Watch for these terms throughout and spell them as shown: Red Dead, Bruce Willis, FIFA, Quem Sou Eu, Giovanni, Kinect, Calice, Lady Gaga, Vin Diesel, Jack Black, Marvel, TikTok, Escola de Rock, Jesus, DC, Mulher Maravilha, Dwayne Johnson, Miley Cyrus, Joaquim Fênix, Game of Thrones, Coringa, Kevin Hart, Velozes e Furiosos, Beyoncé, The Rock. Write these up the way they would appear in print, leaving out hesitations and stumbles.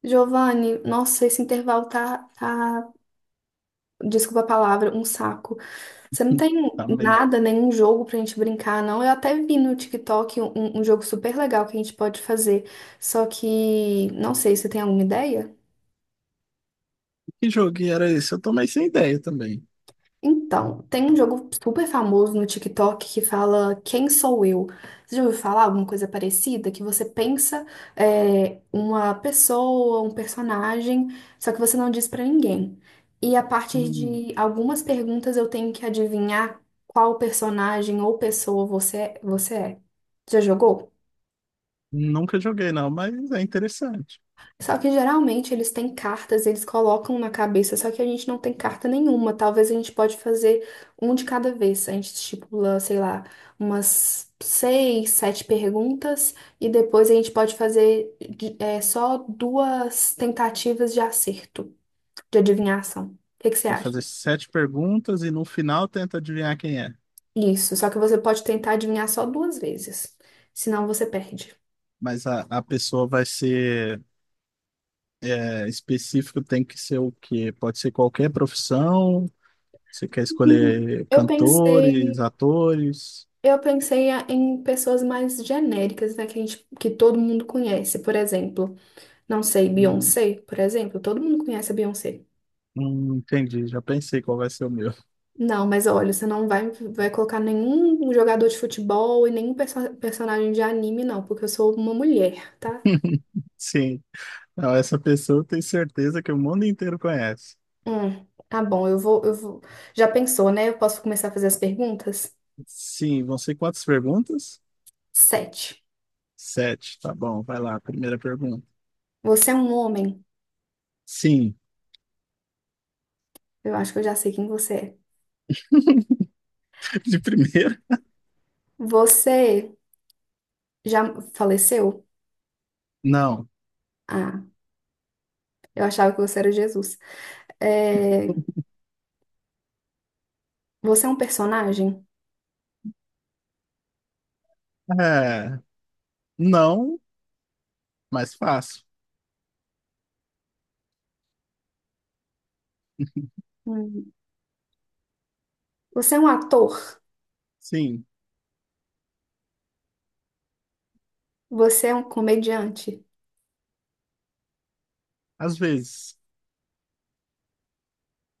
Giovanni, nossa, esse intervalo tá, desculpa a palavra, um saco. Você não tem Tá mesmo. nada, nenhum jogo pra gente brincar, não? Eu até vi no TikTok um jogo super legal que a gente pode fazer, só que não sei, você tem alguma ideia? Que jogo que era esse? Eu tomei sem ideia também. Então, tem um jogo super famoso no TikTok que fala Quem Sou Eu? Você já ouviu falar alguma coisa parecida? Que você pensa uma pessoa, um personagem, só que você não diz pra ninguém. E a partir Hum, de algumas perguntas eu tenho que adivinhar qual personagem ou pessoa você é. Já jogou? Nunca joguei, não, mas é interessante. Só que geralmente eles têm cartas, eles colocam na cabeça, só que a gente não tem carta nenhuma. Talvez a gente pode fazer um de cada vez. A gente estipula, sei lá, umas seis, sete perguntas e depois a gente pode fazer só duas tentativas de acerto, de adivinhação. O que você Vai fazer acha? sete perguntas e no final tenta adivinhar quem é. Isso, só que você pode tentar adivinhar só duas vezes, senão você perde. Mas a pessoa vai ser específico, tem que ser o quê? Pode ser qualquer profissão. Você quer escolher Eu pensei. cantores, atores? Eu pensei em pessoas mais genéricas, né, que que todo mundo conhece. Por exemplo, não sei, Hum, Beyoncé, por exemplo, todo mundo conhece a Beyoncé. Entendi, já pensei qual vai ser o meu. Não, mas olha, você não vai, vai colocar nenhum jogador de futebol e nenhum personagem de anime, não, porque eu sou uma mulher, tá? Sim. Não, essa pessoa eu tenho certeza que o mundo inteiro conhece. Tá bom, eu vou. Já pensou, né? Eu posso começar a fazer as perguntas? Sim, vão ser quantas perguntas? Sete. Sete, tá bom, vai lá, primeira pergunta. Você é um homem? Sim. Eu acho que eu já sei quem você é. De primeira? Você já faleceu? Não. Ah, eu achava que você era Jesus. É, você é um personagem? É, não, mas fácil. Hum, Você é um ator? Sim, Você é um comediante? às vezes.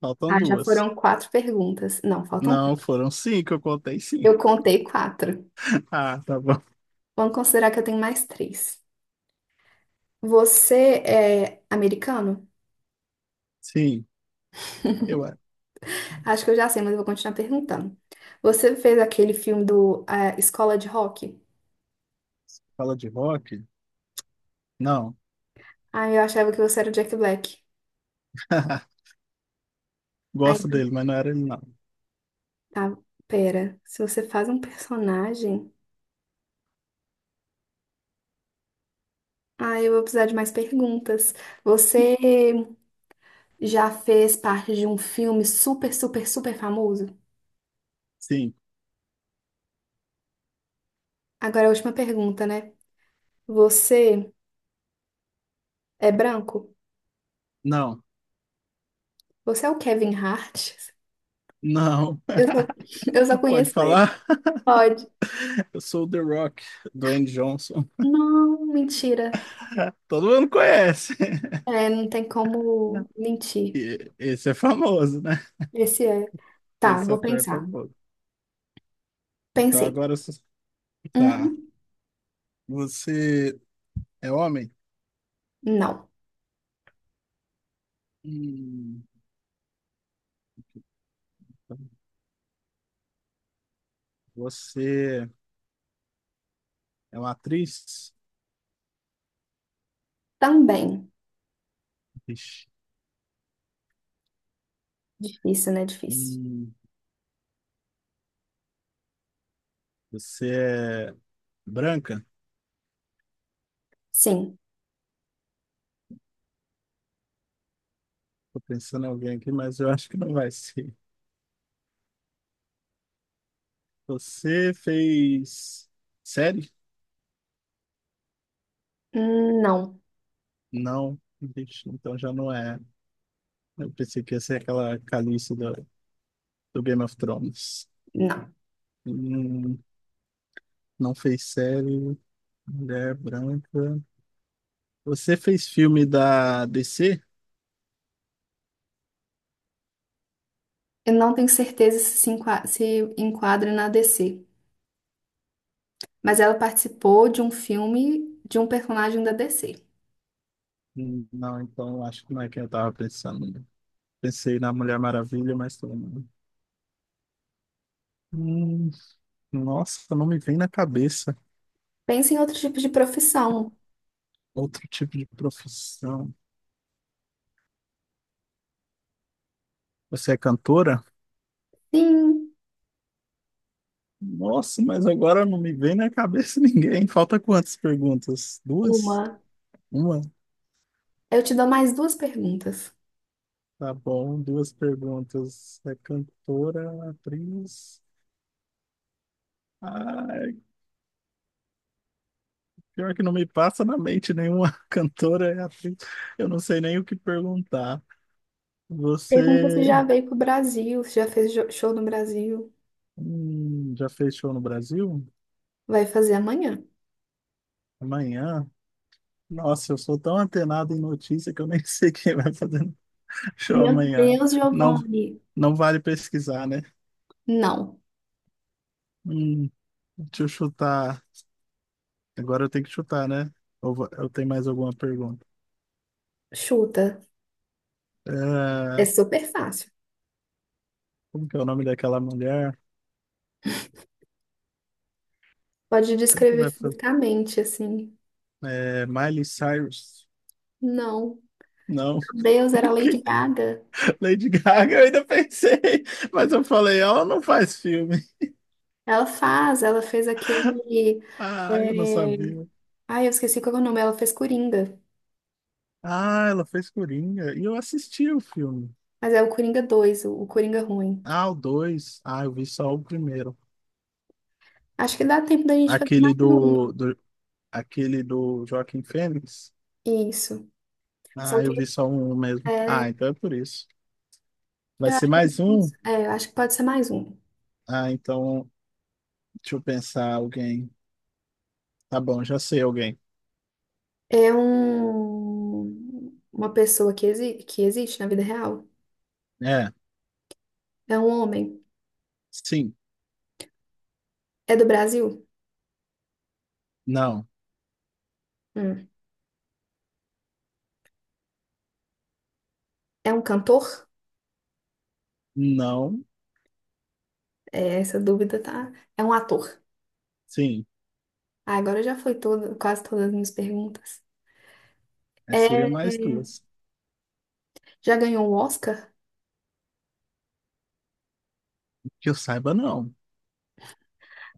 Faltam Ah, já duas. foram quatro perguntas. Não, faltam três. Não, foram cinco, eu contei Eu cinco. contei quatro. Ah, tá bom. Vamos considerar que eu tenho mais três. Você é americano? Sim, eu é. Acho que eu já sei, mas eu vou continuar perguntando. Você fez aquele filme do Escola de Rock? Fala de rock? Não. Ah, eu achava que você era o Jack Black. Gosto Aí, dele, mas não era ele, não. tá, pera. Se você faz um personagem. Ah, eu vou precisar de mais perguntas. Você. Já fez parte de um filme super, super, super famoso? Sim, Agora é a última pergunta, né? Você é branco? não, Você é o Kevin Hart? não. Eu só, eu só Pode conheço ele. falar? Pode. Eu sou o The Rock, Dwayne Johnson. Não, mentira. Todo mundo conhece. É, não tem como mentir. E- Esse é famoso, né? Esse é. Tá, Esse vou ator é pensar. famoso. Então Pensei. agora você. Tá. Uhum. Você é homem? Não. Hum. Você é uma atriz? Também. Ixi. Difícil, né? Difícil. Hum. Você é branca? Sim. Tô pensando em alguém aqui, mas eu acho que não vai ser. Você fez série? Não. Não. Ixi, então já não é. Eu pensei que ia ser aquela Calice do Game of Thrones. Não. Hum. Não fez série, mulher branca. Você fez filme da DC? Eu não tenho certeza se enquadra na DC, mas ela participou de um filme de um personagem da DC. Hum. Não, então acho que não é quem eu tava pensando. Pensei na Mulher Maravilha, mas também não. Hum, Nossa, não me vem na cabeça Pensa em outro tipo de profissão. outro tipo de profissão. Você é cantora? Sim, Nossa, mas agora não me vem na cabeça ninguém. Falta quantas perguntas? Duas? uma. Uma? Eu te dou mais duas perguntas. Tá bom, duas perguntas. É cantora, atriz? Ah, pior que não me passa na mente nenhuma cantora é atriz. Eu não sei nem o que perguntar. Pergunta se Você já veio pro Brasil, se já fez show no Brasil. Já fez show no Brasil? Vai fazer amanhã. Amanhã? Nossa, eu sou tão antenado em notícia que eu nem sei quem vai fazer show Meu amanhã. Deus, Não, Giovanni. não vale pesquisar, né? Não. Hum, Deixa eu chutar. Agora eu tenho que chutar, né? Ou eu tenho mais alguma pergunta? Chuta. É É, super fácil. Como que é o nome daquela mulher? Pode Quem que descrever vai fazer? fisicamente, assim. É, Miley Cyrus? Não. Não. Meu Deus, era Lady Gaga. Lady Gaga, eu ainda pensei, mas eu falei, ela não faz filme. Ela fez aquele. Ah, eu não é, sabia. Ai, eu esqueci qual é o nome. Ela fez Coringa. Ah, ela fez Coringa. E eu assisti o filme. Mas é o Coringa 2, o Coringa ruim. Ah, o dois. Ah, eu vi só o primeiro. Acho que dá tempo da gente fazer Aquele mais uma. do, do, aquele do Joaquim Fênix. Isso. Só Ah, eu que vi só um mesmo. Ah, é, então é por isso. Vai eu ser acho que, a mais gente um? Eu acho que pode ser mais um. Ah, então, deixa eu pensar alguém. Tá bom, já sei alguém. É uma pessoa que, exi que existe na vida real. É, É um homem. sim. É do Brasil? Não. Hum. É um cantor? Não. É, essa dúvida tá. É um ator. Sim. Ah, agora já foi todo, quase todas as minhas perguntas. É, seriam É, mais duas. já ganhou um Oscar? Que eu saiba, não.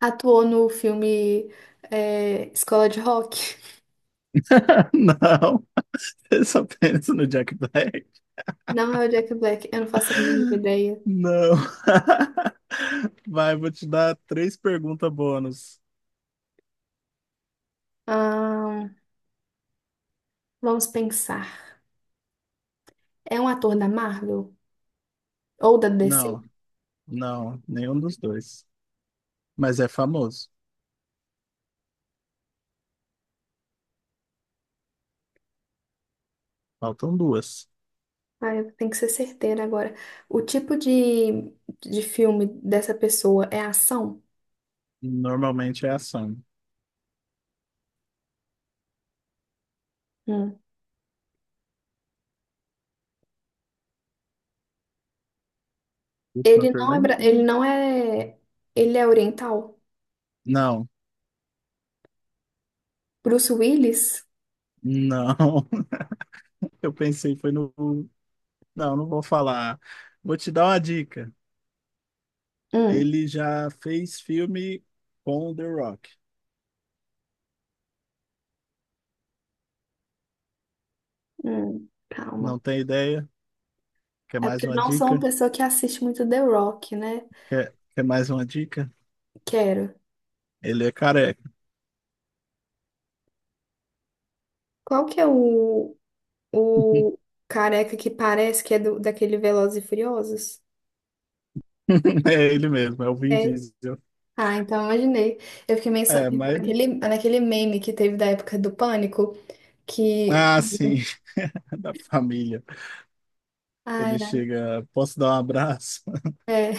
Atuou no filme Escola de Rock? Não, eu só penso no Jack Black. Não é o Jack Black, eu não faço a mínima ideia. Não. Vai, vou te dar três perguntas bônus. Ahn, vamos pensar. É um ator da Marvel? Ou da DC? Não, não, nenhum dos dois. Mas é famoso. Faltam duas. Ah, eu tenho que ser certeira agora. O tipo de filme dessa pessoa é ação? Normalmente é ação. Hum. Última pergunta? Ele não é, ele é oriental? Não, Bruce Willis? não. Eu pensei, foi no. Não, não vou falar. Vou te dar uma dica. Hum, Ele já fez filme com o The Rock. Calma. Não tem ideia? Quer É mais porque eu uma não sou uma dica? pessoa que assiste muito The Rock, né? Quer mais uma dica? Quero. Ele é careca. Qual que é o careca que parece que é daquele Velozes e Furiosos? É ele mesmo, é o Vin É. Diesel. Ah, então imaginei. Eu fiquei meio pensando É, mas ele... naquele meme que teve da época do pânico, que. Ah, sim. Da família. Ai, Ele ai, chega, posso dar um abraço? é.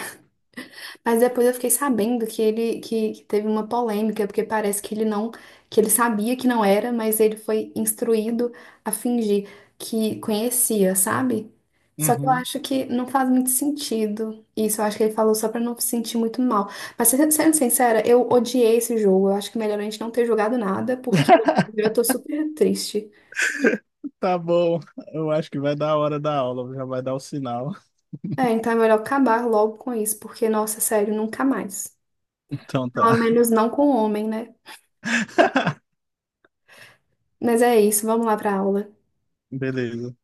Mas depois eu fiquei sabendo que teve uma polêmica, porque parece que ele sabia que não era, mas ele foi instruído a fingir que conhecia, sabe? Só que eu Uhum. acho que não faz muito sentido isso. Eu acho que ele falou só pra não se sentir muito mal. Mas sendo sincera, eu odiei esse jogo. Eu acho que é melhor a gente não ter jogado nada, porque eu tô super triste. Tá bom, eu acho que vai dar a hora da aula, já vai dar o sinal. É, então é melhor acabar logo com isso, porque, nossa, sério, nunca mais. Então Pelo tá. menos não com o homem, né? Mas é isso, vamos lá pra aula. Beleza.